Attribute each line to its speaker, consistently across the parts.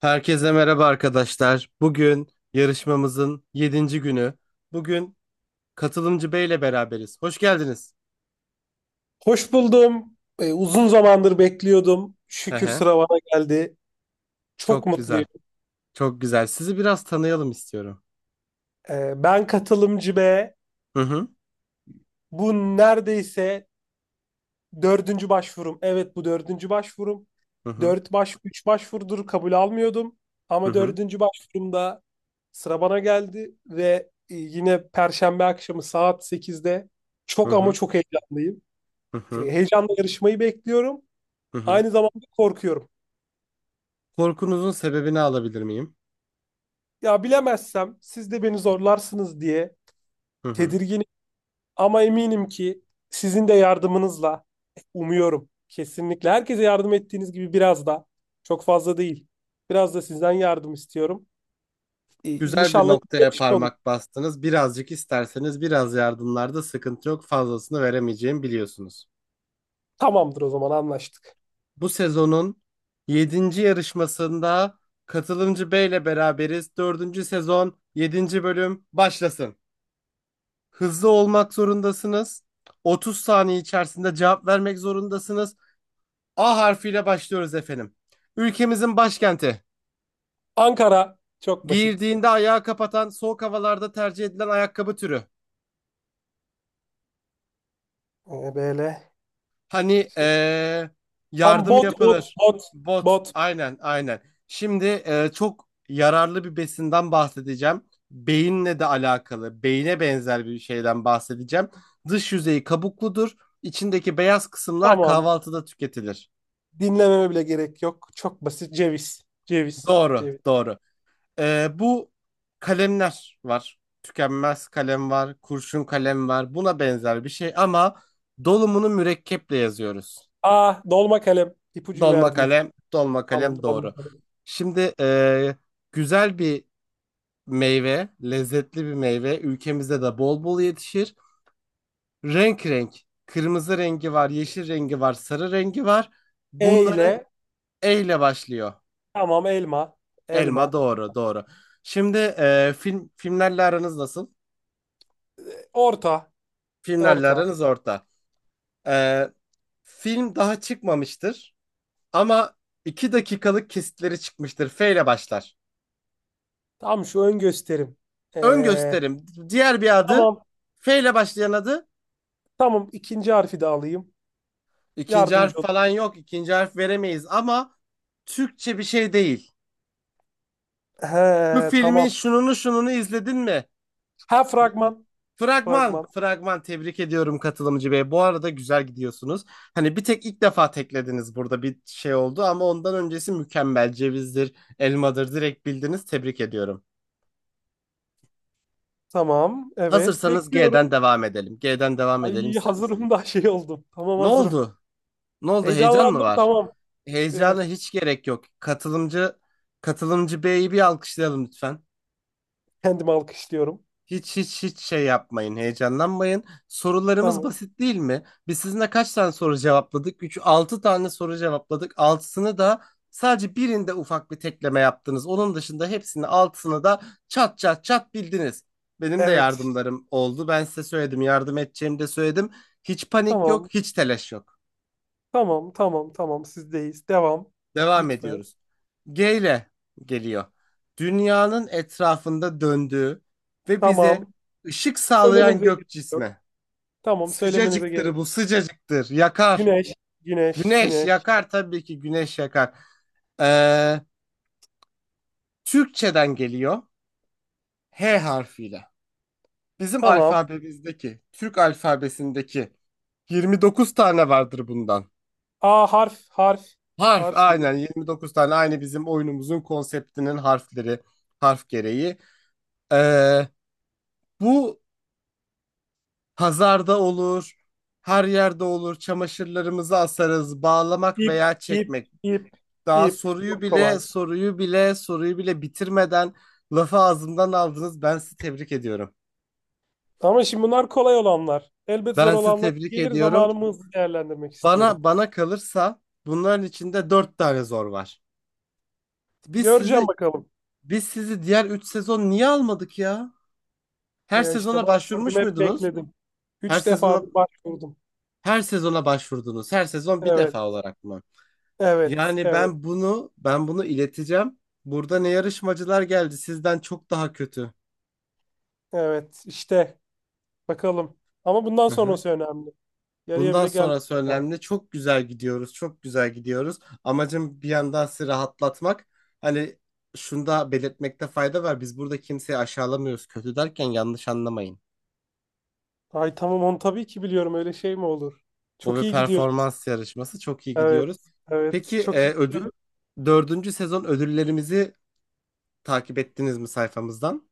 Speaker 1: Herkese merhaba arkadaşlar. Bugün yarışmamızın yedinci günü. Bugün katılımcı Bey ile beraberiz. Hoş geldiniz.
Speaker 2: Hoş buldum. Uzun zamandır bekliyordum.
Speaker 1: He
Speaker 2: Şükür
Speaker 1: he.
Speaker 2: sıra bana geldi. Çok
Speaker 1: Çok
Speaker 2: mutluyum.
Speaker 1: güzel. Çok güzel. Sizi biraz tanıyalım istiyorum.
Speaker 2: Ben katılımcı B.
Speaker 1: Hı hı.
Speaker 2: Bu neredeyse dördüncü başvurum. Evet, bu dördüncü başvurum.
Speaker 1: Hı hı.
Speaker 2: Üç başvurudur kabul almıyordum.
Speaker 1: Hı
Speaker 2: Ama
Speaker 1: hı.
Speaker 2: dördüncü başvurumda sıra bana geldi ve yine Perşembe akşamı saat sekizde.
Speaker 1: Hı
Speaker 2: Çok ama
Speaker 1: hı.
Speaker 2: çok heyecanlıyım.
Speaker 1: Hı hı.
Speaker 2: Heyecanla yarışmayı bekliyorum.
Speaker 1: Hı hı.
Speaker 2: Aynı zamanda korkuyorum.
Speaker 1: Korkunuzun sebebini alabilir miyim?
Speaker 2: Ya bilemezsem siz de beni zorlarsınız diye
Speaker 1: Hı hı.
Speaker 2: tedirginim, ama eminim ki sizin de yardımınızla umuyorum, kesinlikle herkese yardım ettiğiniz gibi biraz da, çok fazla değil. Biraz da sizden yardım istiyorum.
Speaker 1: Güzel bir
Speaker 2: İnşallah iyi bir
Speaker 1: noktaya
Speaker 2: yarışma olur.
Speaker 1: parmak bastınız. Birazcık isterseniz biraz yardımlarda sıkıntı yok. Fazlasını veremeyeceğimi biliyorsunuz.
Speaker 2: Tamamdır, o zaman anlaştık.
Speaker 1: Bu sezonun yedinci yarışmasında katılımcı B ile beraberiz. Dördüncü sezon yedinci bölüm başlasın. Hızlı olmak zorundasınız. 30 saniye içerisinde cevap vermek zorundasınız. A harfiyle başlıyoruz efendim. Ülkemizin başkenti.
Speaker 2: Ankara, çok basit.
Speaker 1: Giyildiğinde ayağı kapatan soğuk havalarda tercih edilen ayakkabı türü.
Speaker 2: Böyle
Speaker 1: Hani
Speaker 2: şey. Tam
Speaker 1: yardım
Speaker 2: bot, bot,
Speaker 1: yapılır.
Speaker 2: bot,
Speaker 1: Bot.
Speaker 2: bot.
Speaker 1: Aynen, aynen. Şimdi çok yararlı bir besinden bahsedeceğim. Beyinle de alakalı, beyine benzer bir şeyden bahsedeceğim. Dış yüzeyi kabukludur. İçindeki beyaz kısımlar
Speaker 2: Tamam.
Speaker 1: kahvaltıda tüketilir.
Speaker 2: Dinlememe bile gerek yok. Çok basit. Ceviz. Ceviz.
Speaker 1: Doğru,
Speaker 2: Ceviz.
Speaker 1: doğru. Bu kalemler var. Tükenmez kalem var, kurşun kalem var. Buna benzer bir şey ama dolumunu mürekkeple yazıyoruz.
Speaker 2: Aa, dolma kalem. İpucu
Speaker 1: Dolma
Speaker 2: verdiniz.
Speaker 1: kalem, dolma
Speaker 2: Tamam,
Speaker 1: kalem doğru.
Speaker 2: dolma kalem.
Speaker 1: Şimdi güzel bir meyve, lezzetli bir meyve. Ülkemizde de bol bol yetişir. Renk renk. Kırmızı rengi var, yeşil rengi var, sarı rengi var.
Speaker 2: E
Speaker 1: Bunların
Speaker 2: ile.
Speaker 1: E ile başlıyor.
Speaker 2: Tamam, elma.
Speaker 1: Elma
Speaker 2: Elma.
Speaker 1: doğru, doğru. Şimdi filmlerle aranız nasıl?
Speaker 2: Orta.
Speaker 1: Filmlerle
Speaker 2: Orta.
Speaker 1: aranız orta. E, film daha çıkmamıştır ama 2 dakikalık kesitleri çıkmıştır. F ile başlar.
Speaker 2: Tamam, şu ön gösterim.
Speaker 1: Ön
Speaker 2: Ee,
Speaker 1: gösterim. Diğer bir adı
Speaker 2: tamam.
Speaker 1: F ile başlayan adı.
Speaker 2: Tamam, ikinci harfi de alayım.
Speaker 1: İkinci
Speaker 2: Yardımcı
Speaker 1: harf
Speaker 2: olun.
Speaker 1: falan yok. İkinci harf veremeyiz ama Türkçe bir şey değil. Bu
Speaker 2: He,
Speaker 1: filmin
Speaker 2: tamam.
Speaker 1: şununu şununu izledin mi?
Speaker 2: Ha, fragman.
Speaker 1: Fragman,
Speaker 2: Fragman.
Speaker 1: fragman tebrik ediyorum katılımcı bey. Bu arada güzel gidiyorsunuz. Hani bir tek ilk defa teklediniz burada bir şey oldu ama ondan öncesi mükemmel. Cevizdir, elmadır direkt bildiniz. Tebrik ediyorum.
Speaker 2: Tamam. Evet.
Speaker 1: Hazırsanız G'den
Speaker 2: Bekliyorum.
Speaker 1: devam edelim. G'den devam edelim
Speaker 2: Ay,
Speaker 1: ister misiniz?
Speaker 2: hazırım da şey oldum. Tamam,
Speaker 1: Ne
Speaker 2: hazırım.
Speaker 1: oldu? Ne oldu? Heyecan mı
Speaker 2: Heyecanlandım.
Speaker 1: var?
Speaker 2: Tamam. Ee,
Speaker 1: Heyecana hiç gerek yok. Katılımcı B'yi bir alkışlayalım lütfen.
Speaker 2: Kendimi alkışlıyorum.
Speaker 1: Hiç hiç hiç şey yapmayın, heyecanlanmayın. Sorularımız
Speaker 2: Tamam.
Speaker 1: basit değil mi? Biz sizinle kaç tane soru cevapladık? 3, 6 tane soru cevapladık. Altısını da sadece birinde ufak bir tekleme yaptınız. Onun dışında hepsini altısını da çat çat çat bildiniz. Benim de
Speaker 2: Evet.
Speaker 1: yardımlarım oldu. Ben size söyledim, yardım edeceğimi de söyledim. Hiç panik yok,
Speaker 2: Tamam.
Speaker 1: hiç telaş yok.
Speaker 2: Tamam. Tamam. Tamam. Sizdeyiz. Devam.
Speaker 1: Devam
Speaker 2: Lütfen.
Speaker 1: ediyoruz. G ile geliyor. Dünyanın etrafında döndüğü ve bize
Speaker 2: Tamam.
Speaker 1: ışık sağlayan
Speaker 2: Söylemenize gerek
Speaker 1: gök
Speaker 2: yok.
Speaker 1: cismi.
Speaker 2: Tamam. Söylemenize
Speaker 1: Sıcacıktır
Speaker 2: gerek
Speaker 1: bu, sıcacıktır. Yakar.
Speaker 2: Güneş, güneş,
Speaker 1: Güneş
Speaker 2: güneş.
Speaker 1: yakar tabii ki güneş yakar. Ee, Türkçeden geliyor. H harfiyle. Bizim
Speaker 2: Tamam.
Speaker 1: alfabemizdeki, Türk alfabesindeki 29 tane vardır bundan.
Speaker 2: A, harf, harf,
Speaker 1: Harf
Speaker 2: harf.
Speaker 1: aynen 29 tane aynı bizim oyunumuzun konseptinin harfleri, harf gereği. Ee, bu Pazarda olur, her yerde olur. Çamaşırlarımızı asarız, bağlamak
Speaker 2: İp,
Speaker 1: veya
Speaker 2: ip,
Speaker 1: çekmek.
Speaker 2: ip,
Speaker 1: Daha
Speaker 2: ip.
Speaker 1: soruyu
Speaker 2: Çok
Speaker 1: bile,
Speaker 2: kolay.
Speaker 1: soruyu bile, soruyu bile bitirmeden lafı ağzımdan aldınız. Ben sizi tebrik ediyorum.
Speaker 2: Ama şimdi bunlar kolay olanlar. Elbet zor
Speaker 1: Ben sizi
Speaker 2: olanlar
Speaker 1: tebrik
Speaker 2: gelir,
Speaker 1: ediyorum.
Speaker 2: zamanımı hızlı değerlendirmek
Speaker 1: Bana
Speaker 2: istiyorum.
Speaker 1: bana kalırsa bunların içinde dört tane zor var. Biz sizi
Speaker 2: Göreceğim, bakalım.
Speaker 1: biz sizi diğer üç sezon niye almadık ya? Her
Speaker 2: Ya işte,
Speaker 1: sezona
Speaker 2: başvurdum,
Speaker 1: başvurmuş
Speaker 2: hep
Speaker 1: muydunuz?
Speaker 2: bekledim.
Speaker 1: Her
Speaker 2: Üç
Speaker 1: sezona
Speaker 2: defadır başvurdum.
Speaker 1: her sezona başvurdunuz. Her sezon bir
Speaker 2: Evet,
Speaker 1: defa olarak mı?
Speaker 2: evet,
Speaker 1: Yani
Speaker 2: evet,
Speaker 1: ben bunu ileteceğim. Burada ne yarışmacılar geldi sizden çok daha kötü.
Speaker 2: evet. İşte, bakalım. Ama bundan
Speaker 1: Hı hı.
Speaker 2: sonrası önemli. Yarıya
Speaker 1: Bundan
Speaker 2: bile gelmedi.
Speaker 1: sonrası önemli. Çok güzel gidiyoruz. Çok güzel gidiyoruz. Amacım bir yandan sizi rahatlatmak. Hani şunu da belirtmekte fayda var. Biz burada kimseyi aşağılamıyoruz. Kötü derken yanlış anlamayın.
Speaker 2: Ay tamam, onu tabii ki biliyorum. Öyle şey mi olur?
Speaker 1: Bu
Speaker 2: Çok
Speaker 1: bir
Speaker 2: iyi gidiyor.
Speaker 1: performans yarışması. Çok iyi gidiyoruz.
Speaker 2: Evet, evet.
Speaker 1: Peki
Speaker 2: Çok iyi giderim.
Speaker 1: dördüncü sezon ödüllerimizi takip ettiniz mi sayfamızdan?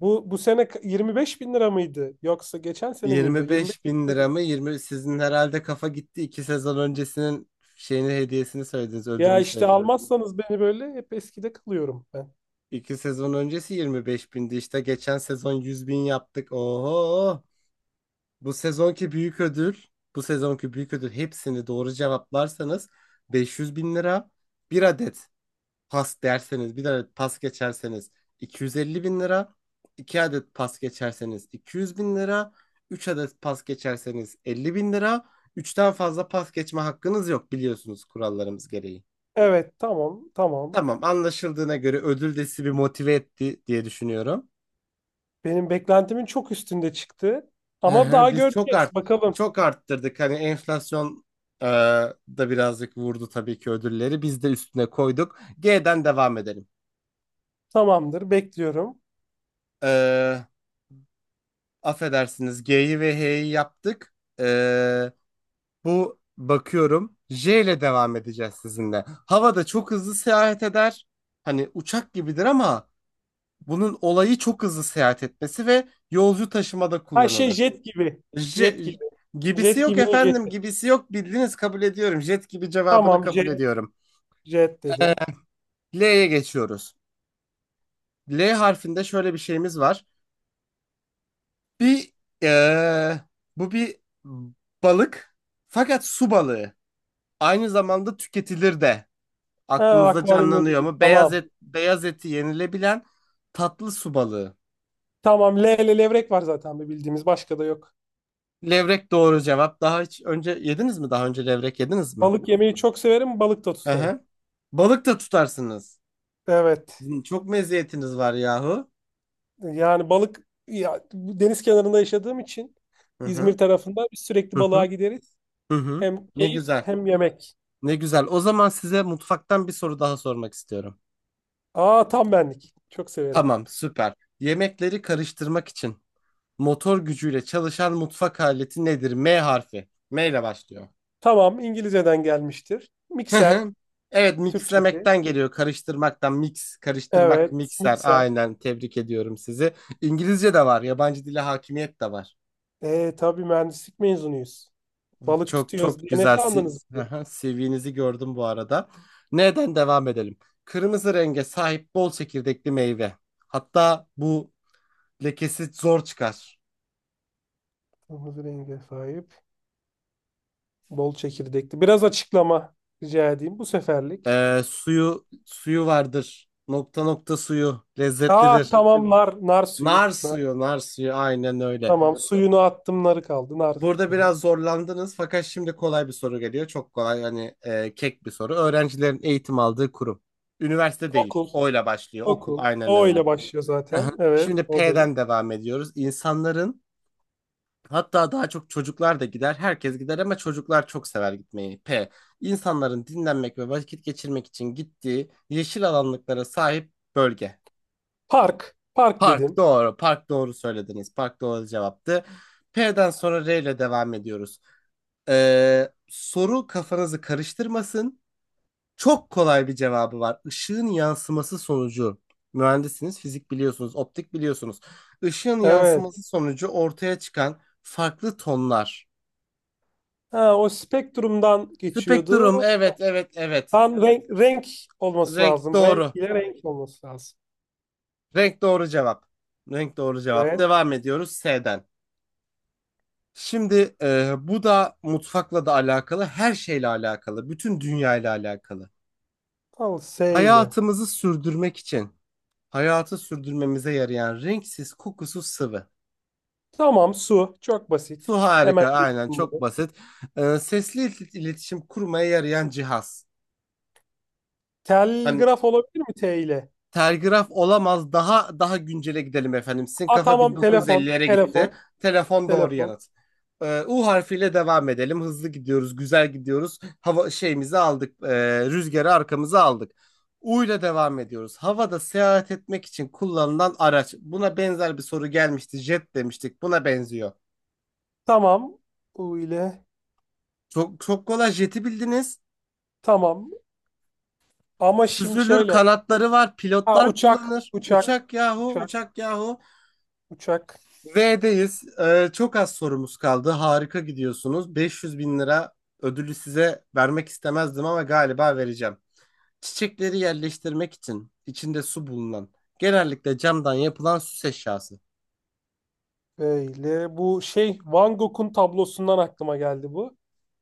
Speaker 2: Bu sene 25 bin lira mıydı? Yoksa geçen sene miydi?
Speaker 1: Yirmi
Speaker 2: 25
Speaker 1: beş bin
Speaker 2: bin
Speaker 1: lira
Speaker 2: lira.
Speaker 1: mı? 20 sizin herhalde kafa gitti. İki sezon öncesinin şeyini hediyesini söylediniz,
Speaker 2: Ya
Speaker 1: ödülünü
Speaker 2: işte,
Speaker 1: söylediniz.
Speaker 2: almazsanız beni böyle hep eskide kalıyorum ben.
Speaker 1: İki sezon öncesi 25 bindi işte. Geçen sezon 100 bin yaptık. Oho! Bu sezonki büyük ödül, bu sezonki büyük ödül hepsini doğru cevaplarsanız 500 bin lira bir adet pas derseniz bir adet pas geçerseniz 250 bin lira 2 adet pas geçerseniz 200 bin lira 3 adet pas geçerseniz 50 bin lira. Üçten fazla pas geçme hakkınız yok biliyorsunuz kurallarımız gereği.
Speaker 2: Evet, tamam, tamam.
Speaker 1: Tamam, anlaşıldığına göre ödül de sizi bir motive etti diye düşünüyorum.
Speaker 2: Benim beklentimin çok üstünde çıktı.
Speaker 1: Hı
Speaker 2: Ama
Speaker 1: hı,
Speaker 2: daha
Speaker 1: biz
Speaker 2: göreceğiz. Bakalım.
Speaker 1: çok arttırdık hani enflasyon e, da birazcık vurdu tabii ki ödülleri biz de üstüne koyduk. G'den devam edelim.
Speaker 2: Tamamdır, bekliyorum.
Speaker 1: Ee, Affedersiniz G'yi ve H'yi yaptık. Ee, bu bakıyorum J ile devam edeceğiz sizinle. Havada çok hızlı seyahat eder. Hani uçak gibidir ama bunun olayı çok hızlı seyahat etmesi ve yolcu taşımada
Speaker 2: Her şey
Speaker 1: kullanılır.
Speaker 2: jet gibi.
Speaker 1: J
Speaker 2: Jet gibi.
Speaker 1: gibisi
Speaker 2: Jet
Speaker 1: yok
Speaker 2: gibinin
Speaker 1: efendim
Speaker 2: jeti.
Speaker 1: gibisi yok bildiniz kabul ediyorum. Jet gibi cevabını
Speaker 2: Tamam,
Speaker 1: kabul
Speaker 2: jet,
Speaker 1: ediyorum.
Speaker 2: jet dedim.
Speaker 1: L'ye geçiyoruz. L harfinde şöyle bir şeyimiz var. Bir ee, bu bir balık fakat su balığı. Aynı zamanda tüketilir de.
Speaker 2: Ha,
Speaker 1: Aklınızda
Speaker 2: akvaryumda
Speaker 1: canlanıyor
Speaker 2: değil.
Speaker 1: mu? Beyaz
Speaker 2: Tamam.
Speaker 1: et, beyaz eti yenilebilen tatlı su balığı.
Speaker 2: Tamam, le le levrek var zaten, bir bildiğimiz. Başka da yok.
Speaker 1: Levrek doğru cevap. Daha hiç önce yediniz mi? Daha önce levrek yediniz mi?
Speaker 2: Balık yemeyi çok severim, balık da
Speaker 1: Hı
Speaker 2: tutarım.
Speaker 1: hı. Balık da tutarsınız.
Speaker 2: Evet.
Speaker 1: Çok meziyetiniz var yahu.
Speaker 2: Yani balık ya, bu deniz kenarında yaşadığım için
Speaker 1: Hı hı.
Speaker 2: İzmir tarafında biz sürekli
Speaker 1: Hı hı.
Speaker 2: balığa gideriz.
Speaker 1: Hı hı.
Speaker 2: Hem
Speaker 1: Ne
Speaker 2: keyif
Speaker 1: güzel.
Speaker 2: hem yemek.
Speaker 1: Ne güzel. O zaman size mutfaktan bir soru daha sormak istiyorum.
Speaker 2: Aa, tam benlik. Çok severim.
Speaker 1: Tamam, süper. Yemekleri karıştırmak için motor gücüyle çalışan mutfak aleti nedir? M harfi. M ile başlıyor.
Speaker 2: Tamam, İngilizceden gelmiştir.
Speaker 1: Hı
Speaker 2: Mikser.
Speaker 1: hı. Evet
Speaker 2: Türkçesi.
Speaker 1: mixlemekten geliyor. Karıştırmaktan mix, karıştırmak,
Speaker 2: Evet,
Speaker 1: mikser.
Speaker 2: mikser.
Speaker 1: Aynen tebrik ediyorum sizi. İngilizce de var. Yabancı dile hakimiyet de var.
Speaker 2: E, tabii mühendislik mezunuyuz. Balık
Speaker 1: Çok
Speaker 2: tutuyoruz
Speaker 1: çok
Speaker 2: diye ne
Speaker 1: güzel.
Speaker 2: sandınız
Speaker 1: Siz, Hı
Speaker 2: bizi?
Speaker 1: hı. CV'nizi gördüm bu arada. Neden devam edelim? Kırmızı renge sahip bol çekirdekli meyve. Hatta bu lekesi zor çıkar.
Speaker 2: Kırmızı renge sahip. Bol çekirdekli. Biraz açıklama rica edeyim bu seferlik.
Speaker 1: Suyu vardır. Nokta nokta suyu
Speaker 2: Aa
Speaker 1: lezzetlidir.
Speaker 2: tamam, nar, nar suyu.
Speaker 1: Nar suyu, nar suyu aynen öyle.
Speaker 2: Tamam, suyunu attım, narı kaldı. Nar
Speaker 1: Burada
Speaker 2: dedim.
Speaker 1: biraz zorlandınız fakat şimdi kolay bir soru geliyor. Çok kolay hani kek bir soru. Öğrencilerin eğitim aldığı kurum. Üniversite değil.
Speaker 2: Okul,
Speaker 1: O'yla başlıyor. Okul
Speaker 2: okul.
Speaker 1: aynen
Speaker 2: O
Speaker 1: öyle.
Speaker 2: ile başlıyor
Speaker 1: Aha.
Speaker 2: zaten. Evet,
Speaker 1: Şimdi
Speaker 2: odayım.
Speaker 1: P'den devam ediyoruz. İnsanların hatta daha çok çocuklar da gider. Herkes gider ama çocuklar çok sever gitmeyi. P. İnsanların dinlenmek ve vakit geçirmek için gittiği yeşil alanlıklara sahip bölge.
Speaker 2: Park, park
Speaker 1: Park
Speaker 2: dedim.
Speaker 1: doğru. Park doğru söylediniz. Park doğru cevaptı. P'den sonra R ile devam ediyoruz. Soru kafanızı karıştırmasın. Çok kolay bir cevabı var. Işığın yansıması sonucu. Mühendisiniz, fizik biliyorsunuz, optik biliyorsunuz. Işığın
Speaker 2: Evet.
Speaker 1: yansıması sonucu ortaya çıkan farklı tonlar.
Speaker 2: Ha, o spektrumdan
Speaker 1: Spektrum,
Speaker 2: geçiyordu.
Speaker 1: evet, evet, evet.
Speaker 2: Tam renk, renk olması
Speaker 1: Renk
Speaker 2: lazım. Renk
Speaker 1: doğru.
Speaker 2: ile renk olması lazım.
Speaker 1: Renk doğru cevap. Renk doğru cevap.
Speaker 2: Evet.
Speaker 1: Devam ediyoruz S'den. Şimdi bu da mutfakla da alakalı, her şeyle alakalı, bütün dünyayla alakalı.
Speaker 2: Al, S ile.
Speaker 1: Hayatımızı sürdürmek için hayatı sürdürmemize yarayan renksiz, kokusuz sıvı.
Speaker 2: Tamam, su. Çok
Speaker 1: Su
Speaker 2: basit. Hemen
Speaker 1: harika,
Speaker 2: geçtim
Speaker 1: aynen çok
Speaker 2: bunu.
Speaker 1: basit. Sesli iletişim kurmaya yarayan cihaz. Hani
Speaker 2: Telgraf olabilir mi, T ile?
Speaker 1: telgraf olamaz, daha güncele gidelim efendim. Sizin
Speaker 2: Aa,
Speaker 1: kafa
Speaker 2: tamam, telefon,
Speaker 1: 1950'lere
Speaker 2: telefon,
Speaker 1: gitti. Telefon doğru
Speaker 2: telefon.
Speaker 1: yanıt. U harfiyle devam edelim. Hızlı gidiyoruz, güzel gidiyoruz. Hava şeyimizi aldık, rüzgarı arkamıza aldık. U ile devam ediyoruz. Havada seyahat etmek için kullanılan araç. Buna benzer bir soru gelmişti. Jet demiştik. Buna benziyor.
Speaker 2: Tamam, U ile.
Speaker 1: Çok çok kolay jeti bildiniz.
Speaker 2: Tamam. Ama şimdi
Speaker 1: Süzülür
Speaker 2: şöyle.
Speaker 1: kanatları var.
Speaker 2: Ha,
Speaker 1: Pilotlar
Speaker 2: uçak,
Speaker 1: kullanır.
Speaker 2: uçak,
Speaker 1: Uçak yahu
Speaker 2: uçak,
Speaker 1: uçak yahu.
Speaker 2: uçak.
Speaker 1: V'deyiz. Çok az sorumuz kaldı. Harika gidiyorsunuz. 500 bin lira ödülü size vermek istemezdim ama galiba vereceğim. Çiçekleri yerleştirmek için içinde su bulunan genellikle camdan yapılan süs eşyası.
Speaker 2: Böyle, bu şey Van Gogh'un tablosundan aklıma geldi bu.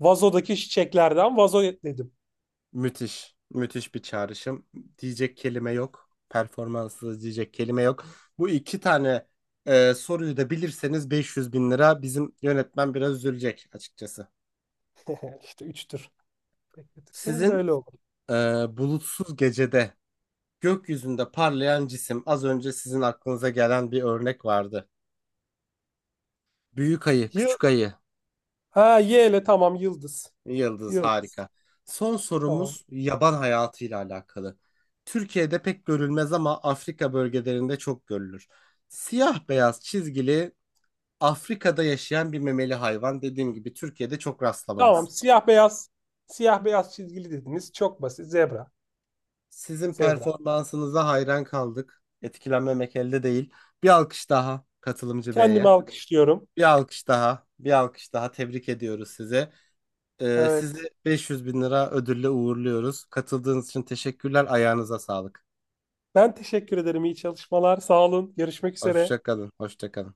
Speaker 2: Vazodaki çiçeklerden vazo dedim.
Speaker 1: Müthiş. Müthiş bir çağrışım. Diyecek kelime yok. Performanssız diyecek kelime yok. Bu iki tane soruyu da bilirseniz 500 bin lira bizim yönetmen biraz üzülecek açıkçası.
Speaker 2: İşte üçtür. Bekletirseniz
Speaker 1: Sizin
Speaker 2: böyle olur.
Speaker 1: e, bulutsuz gecede gökyüzünde parlayan cisim az önce sizin aklınıza gelen bir örnek vardı. Büyük ayı,
Speaker 2: Yıl
Speaker 1: küçük ayı,
Speaker 2: ha, Y ile, tamam, yıldız.
Speaker 1: Yıldız
Speaker 2: Yıldız,
Speaker 1: harika. Son
Speaker 2: tamam.
Speaker 1: sorumuz yaban hayatıyla alakalı. Türkiye'de pek görülmez ama Afrika bölgelerinde çok görülür. Siyah beyaz çizgili Afrika'da yaşayan bir memeli hayvan. Dediğim gibi Türkiye'de çok
Speaker 2: Tamam,
Speaker 1: rastlamayız.
Speaker 2: siyah beyaz, siyah beyaz çizgili dediniz. Çok basit. Zebra.
Speaker 1: Sizin
Speaker 2: Zebra.
Speaker 1: performansınıza hayran kaldık. Etkilenmemek elde değil. Bir alkış daha katılımcı
Speaker 2: Kendimi
Speaker 1: beye.
Speaker 2: alkışlıyorum.
Speaker 1: Bir alkış daha. Bir alkış daha. Tebrik ediyoruz sizi. Sizi
Speaker 2: Evet.
Speaker 1: 500 bin lira ödülle uğurluyoruz. Katıldığınız için teşekkürler. Ayağınıza sağlık.
Speaker 2: Ben teşekkür ederim. İyi çalışmalar. Sağ olun. Görüşmek üzere.
Speaker 1: Hoşça kalın. Hoşça kalın.